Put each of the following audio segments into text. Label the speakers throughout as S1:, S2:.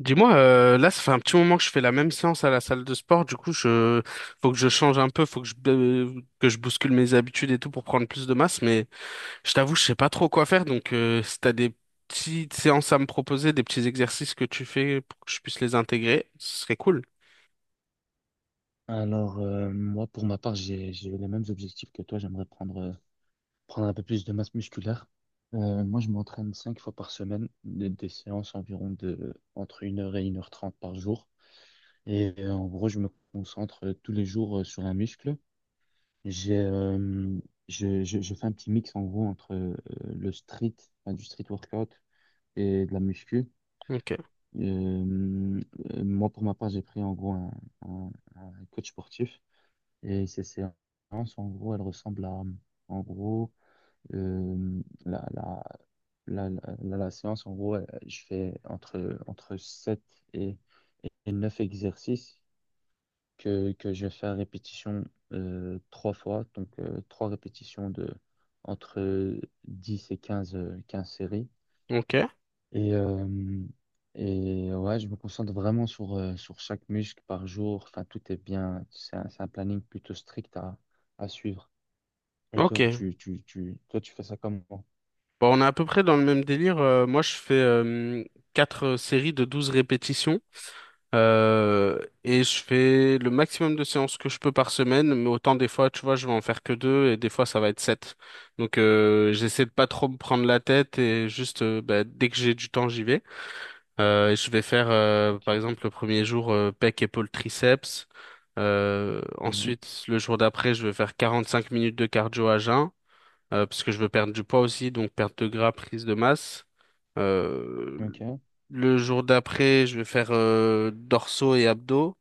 S1: Dis-moi, là, ça fait un petit moment que je fais la même séance à la salle de sport. Du coup, je faut que je change un peu, faut que je bouscule mes habitudes et tout pour prendre plus de masse. Mais je t'avoue, je sais pas trop quoi faire. Donc, si t'as des petites séances à me proposer, des petits exercices que tu fais pour que je puisse les intégrer, ce serait cool.
S2: Alors, moi, pour ma part, j'ai les mêmes objectifs que toi. J'aimerais prendre un peu plus de masse musculaire. Moi, je m'entraîne cinq fois par semaine, des séances environ de entre 1 h et 1 h 30 par jour. Et en gros, je me concentre tous les jours sur un muscle. J'ai, euh, je fais un petit mix en gros entre le street, enfin, du street workout et de la muscu.
S1: Ok,
S2: Euh, Moi, pour ma part, j'ai pris en gros un coach sportif. Et ces séances, en gros, elles ressemblent à, en gros, euh, la, la, la séance, en gros, je fais entre 7 et, et 9 exercices que je fais faire répétition trois fois, donc trois répétitions de entre 10 et 15 15 séries.
S1: ok,
S2: Et, euh, et ouais, je me concentre vraiment sur chaque muscle par jour. Enfin, tout est bien. C'est un planning plutôt strict à suivre. Et toi,
S1: ok.
S2: tu fais ça comment?
S1: Bon, on est à peu près dans le même délire. Moi, je fais quatre séries de 12 répétitions. Et je fais le maximum de séances que je peux par semaine, mais autant des fois, tu vois, je vais en faire que deux et des fois ça va être sept. Donc j'essaie de pas trop me prendre la tête et juste bah, dès que j'ai du temps, j'y vais. Et je vais faire par
S2: Ok.
S1: exemple le premier jour pec, épaule, triceps. Euh,
S2: Mhm.
S1: ensuite, le jour d'après, je vais faire 45 minutes de cardio à jeun parce que je veux perdre du poids aussi, donc perte de gras, prise de masse. Euh,
S2: Ok.
S1: le jour d'après, je vais faire dorsaux et abdos,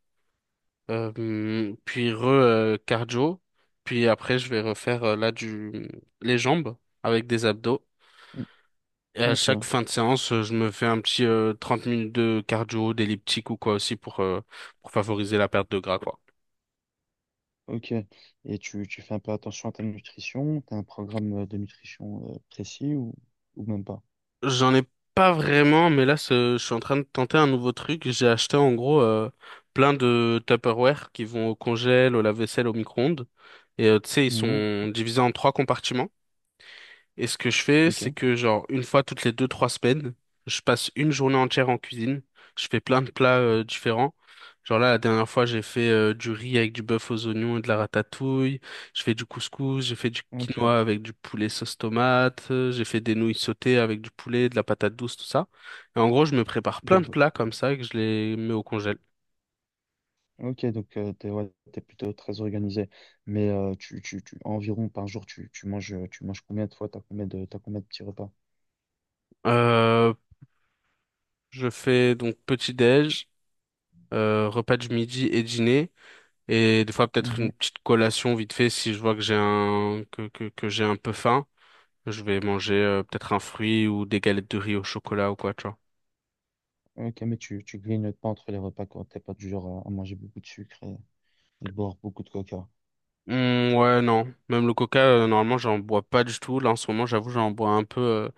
S1: puis re cardio, puis après je vais refaire là du les jambes avec des abdos.
S2: Mm.
S1: Et à chaque
S2: Ok.
S1: fin de séance, je me fais un petit 30 minutes de cardio, d'elliptique ou quoi aussi pour pour favoriser la perte de gras quoi.
S2: Ok. Et tu fais un peu attention à ta nutrition? T'as un programme de nutrition précis ou même pas?
S1: J'en ai pas vraiment, mais là, je suis en train de tenter un nouveau truc. J'ai acheté en gros plein de Tupperware qui vont au congèle, au lave-vaisselle, au micro-ondes. Et tu sais, ils
S2: Mhm.
S1: sont divisés en trois compartiments. Et ce que je fais,
S2: Ok.
S1: c'est que genre une fois toutes les deux, trois semaines, je passe une journée entière en cuisine. Je fais plein de plats différents. Genre là, la dernière fois, j'ai fait du riz avec du bœuf aux oignons et de la ratatouille. Je fais du couscous, j'ai fait du
S2: Ok.
S1: quinoa avec du poulet sauce tomate. J'ai fait des nouilles sautées avec du poulet, de la patate douce, tout ça. Et en gros, je me prépare
S2: Des
S1: plein de
S2: bo-
S1: plats comme ça et que je les mets au congèle.
S2: Ok, donc ouais, t'es plutôt très organisé. Mais, environ par jour, tu manges combien de fois? T'as combien de petits repas?
S1: Euh, je fais donc petit déj, repas du midi et dîner. Et des fois, peut-être une
S2: Mhm.
S1: petite collation vite fait si je vois que j'ai que j'ai un peu faim. Je vais manger peut-être un fruit ou des galettes de riz au chocolat ou quoi, tu vois.
S2: Ok, mais tu grignotes pas entre les repas quand t'es pas du genre à manger beaucoup de sucre et boire beaucoup de coca.
S1: Hmm, ouais, non. Même le coca, normalement, j'en bois pas du tout. Là, en ce moment, j'avoue, j'en bois un peu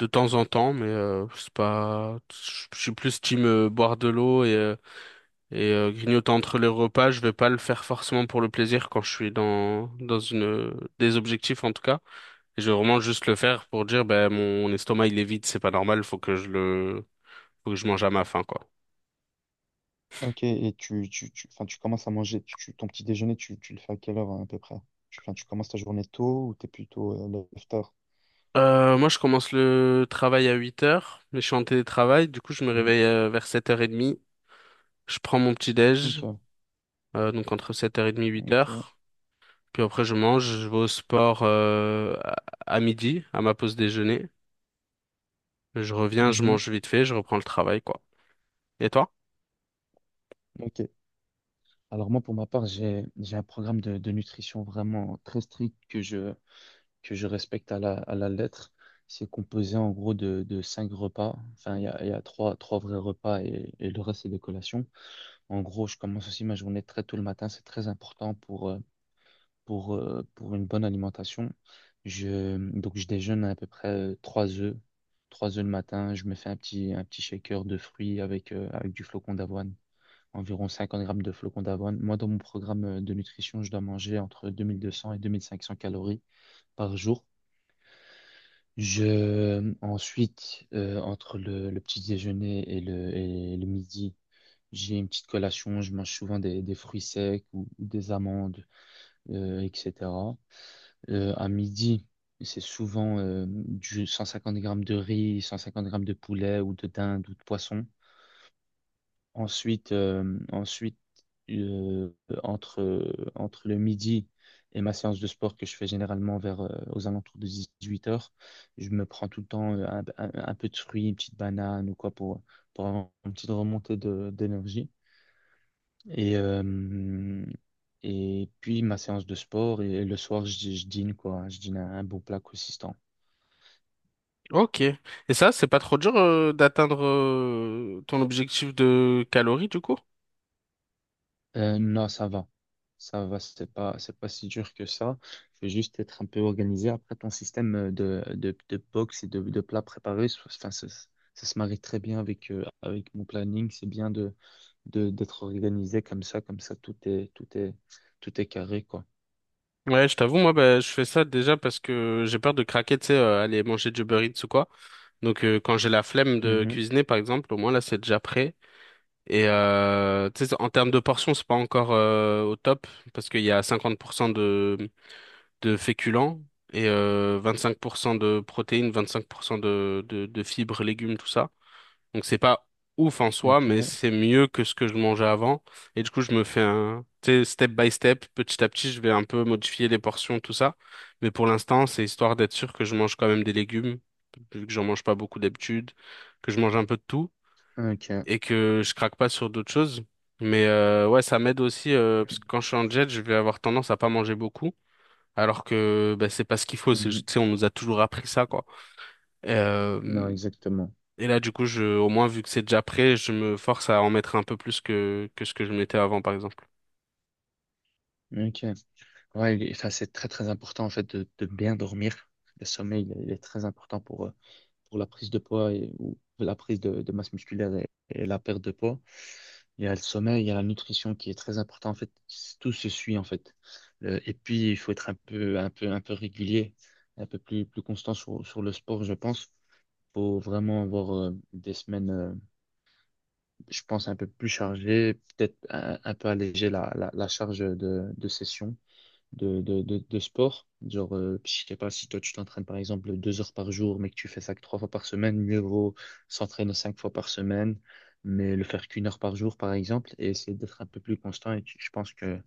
S1: de temps en temps, mais c'est pas. Je suis plus team boire de l'eau et grignoter entre les repas. Je vais pas le faire forcément pour le plaisir quand je suis dans une des objectifs en tout cas. Je vais vraiment juste le faire pour dire, ben, mon estomac, il est vide, c'est pas normal, faut que je mange à ma faim, quoi.
S2: Ok, et enfin, tu commences à manger, ton petit déjeuner, tu le fais à quelle heure hein, à peu près? Enfin, tu commences ta journée tôt ou t'es plutôt lève-tard?
S1: Moi, je commence le travail à 8 heures, mais je suis en télétravail, du coup, je me
S2: Mhm.
S1: réveille vers 7h30. Je prends mon petit-déj,
S2: Ok,
S1: donc entre sept heures 30 et huit
S2: ok.
S1: heures Puis après, je mange, je vais au sport à midi, à ma pause déjeuner. Je reviens, je
S2: Mhm.
S1: mange vite fait, je reprends le travail, quoi. Et toi?
S2: Ok. Alors moi, pour ma part, j'ai un programme de nutrition vraiment très strict que je respecte à la lettre. C'est composé en gros de cinq repas. Enfin, il y a trois vrais repas et le reste, c'est des collations. En gros, je commence aussi ma journée très tôt le matin. C'est très important pour une bonne alimentation. Donc, je déjeune à peu près trois œufs. Trois œufs le matin. Je me fais un petit shaker de fruits avec du flocon d'avoine. Environ 50 grammes de flocon d'avoine. Moi, dans mon programme de nutrition, je dois manger entre 2 200 et 2 500 calories par jour. Ensuite, entre le petit déjeuner et le midi, j'ai une petite collation, je mange souvent des fruits secs ou des amandes, etc. À midi, c'est souvent du 150 grammes de riz, 150 grammes de poulet ou de dinde ou de poisson. Ensuite, euh, entre le midi et ma séance de sport que je fais généralement aux alentours de 18 heures. Je me prends tout le temps un peu de fruits, une petite banane ou quoi pour avoir une petite remontée d'énergie. Et, euh, et puis ma séance de sport, et le soir, je dîne un beau plat consistant.
S1: Ok. Et ça, c'est pas trop dur d'atteindre ton objectif de calories, du coup?
S2: Non, ça va. Ça va, c'est pas si dur que ça. Il faut juste être un peu organisé. Après, ton système de box et de plats préparés, enfin, ça se marie très bien avec mon planning. C'est bien d'être organisé comme ça, tout est carré, quoi.
S1: Ouais, je t'avoue, moi, bah, je fais ça déjà parce que j'ai peur de craquer, tu sais, aller manger du Uber Eats ou quoi. Donc, quand j'ai la flemme de
S2: Mhm.
S1: cuisiner, par exemple, au moins là, c'est déjà prêt. Et tu sais, en termes de portions, c'est pas encore au top parce qu'il y a 50% de féculents et 25% de protéines, 25% de fibres, légumes, tout ça. Donc c'est pas ouf en soi, mais
S2: Ok,
S1: c'est mieux que ce que je mangeais avant. Et du coup, je me fais un, tu sais, step by step, petit à petit, je vais un peu modifier les portions, tout ça. Mais pour l'instant, c'est histoire d'être sûr que je mange quand même des légumes, vu que j'en mange pas beaucoup d'habitude, que je mange un peu de tout
S2: ok.
S1: et que je craque pas sur d'autres choses. Mais ouais, ça m'aide aussi parce que quand je suis en jet, je vais avoir tendance à pas manger beaucoup, alors que bah, c'est pas ce qu'il faut. C'est,
S2: Mhm.
S1: juste- tu sais, on nous a toujours appris ça, quoi. Euh,
S2: Non, exactement.
S1: et là, du coup, je, au moins, vu que c'est déjà prêt, je me force à en mettre un peu plus que ce que je mettais avant, par exemple.
S2: Ok. Ouais, il enfin, c'est très très important en fait de bien dormir. Le sommeil, il est très important pour la prise de poids et, ou la prise de masse musculaire et la perte de poids. Il y a le sommeil, il y a la nutrition qui est très important en fait. Tout se suit en fait. Et puis il faut être un peu régulier, un peu plus constant sur le sport, je pense. Faut vraiment avoir des semaines, je pense un peu plus chargées, peut-être un peu alléger la charge de session de sport. Genre, je sais pas si toi tu t'entraînes par exemple 2 heures par jour, mais que tu fais ça que trois fois par semaine, mieux vaut s'entraîner cinq fois par semaine, mais le faire qu'une heure par jour par exemple, et essayer d'être un peu plus constant. Je pense que,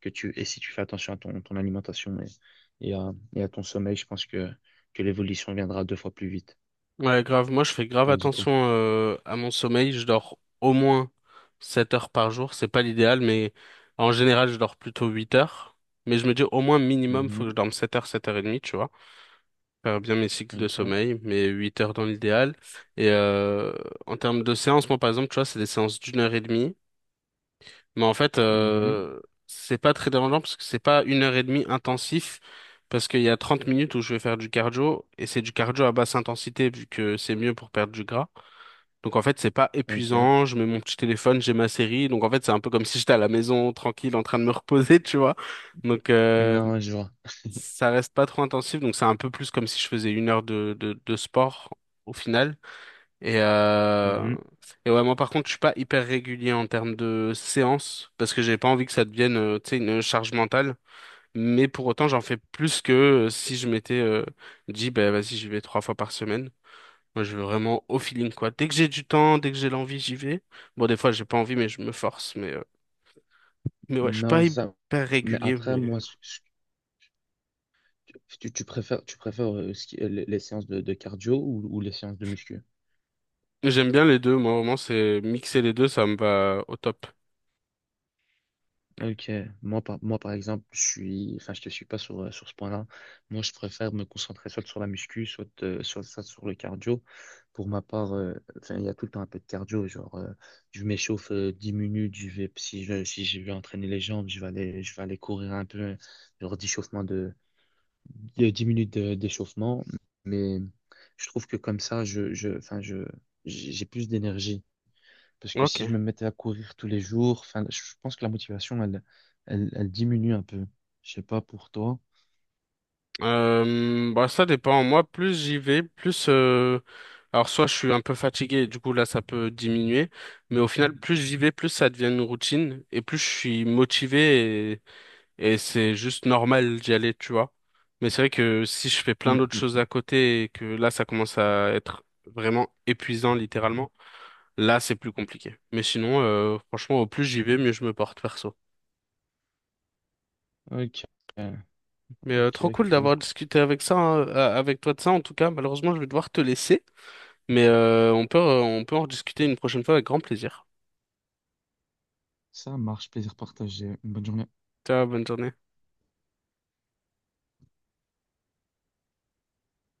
S2: que tu, et si tu fais attention à ton alimentation et à ton sommeil, je pense que l'évolution viendra deux fois plus vite.
S1: Ouais, grave. Moi, je fais grave
S2: Tandis quoi?
S1: attention à mon sommeil. Je dors au moins 7 heures par jour. C'est pas l'idéal, mais en général, je dors plutôt 8 heures. Mais je me dis au moins minimum, faut que je
S2: Mhm,
S1: dorme 7 heures, 7 heures et demie, tu vois. Faire bien mes cycles de
S2: ok,
S1: sommeil, mais 8 heures dans l'idéal. Et en termes de séances, moi, par exemple, tu vois, c'est des séances d'une heure et demie. Mais en fait,
S2: mhm,
S1: c'est pas très dérangeant parce que c'est pas une heure et demie intensif. Parce qu'il y a 30 minutes où je vais faire du cardio et c'est du cardio à basse intensité vu que c'est mieux pour perdre du gras. Donc en fait, c'est pas
S2: ok.
S1: épuisant. Je mets mon petit téléphone, j'ai ma série. Donc en fait, c'est un peu comme si j'étais à la maison tranquille en train de me reposer, tu vois. Donc
S2: Non, je vois.
S1: ça reste pas trop intensif. Donc c'est un peu plus comme si je faisais une heure de sport au final. Et, euh...
S2: Mhm.
S1: et ouais, moi par contre, je suis pas hyper régulier en termes de séances parce que j'ai pas envie que ça devienne, tu sais, une charge mentale. Mais pour autant, j'en fais plus que si je m'étais dit, bah vas-y, j'y vais trois fois par semaine. Moi, je veux vraiment au feeling, quoi. Dès que j'ai du temps, dès que j'ai l'envie, j'y vais. Bon, des fois, j'ai pas envie, mais je me force. Mais ouais, je suis pas
S2: Non, c'est ça.
S1: hyper
S2: Mais
S1: régulier,
S2: après,
S1: mais
S2: moi, ce. Tu préfères, les séances de cardio ou les séances de muscu?
S1: j'aime bien les deux. Moi, vraiment, c'est mixer les deux, ça me va au top.
S2: Ok, moi par exemple, enfin, je te suis pas sur ce point-là. Moi, je préfère me concentrer soit sur la muscu, soit sur le cardio. Pour ma part, enfin, il y a tout le temps un peu de cardio. Genre, je m'échauffe 10 minutes. Je vais, si je, si je vais entraîner les jambes, je vais aller courir un peu, genre d'échauffement de 10 minutes d'échauffement. Mais je trouve que comme ça, enfin, j'ai plus d'énergie. Parce que si je
S1: Ok.
S2: me mettais à courir tous les jours, enfin, je pense que la motivation, elle diminue un peu. Je sais pas pour toi.
S1: Bah ça dépend. Moi, plus j'y vais, plus alors soit je suis un peu fatigué, du coup là ça peut diminuer, mais au final plus j'y vais, plus ça devient une routine et plus je suis motivé et c'est juste normal d'y aller, tu vois. Mais c'est vrai que si je fais plein
S2: Mm,
S1: d'autres
S2: mm,
S1: choses
S2: mm.
S1: à côté et que là ça commence à être vraiment épuisant littéralement, là c'est plus compliqué. Mais sinon, franchement, au plus j'y vais, mieux je me porte perso.
S2: Ok,
S1: Mais trop
S2: ok,
S1: cool
S2: cool.
S1: d'avoir discuté avec ça, hein, avec toi de ça en tout cas. Malheureusement, je vais devoir te laisser. Mais on peut en discuter une prochaine fois avec grand plaisir.
S2: Ça marche, plaisir partagé. Une bonne journée.
S1: Ciao, bonne journée.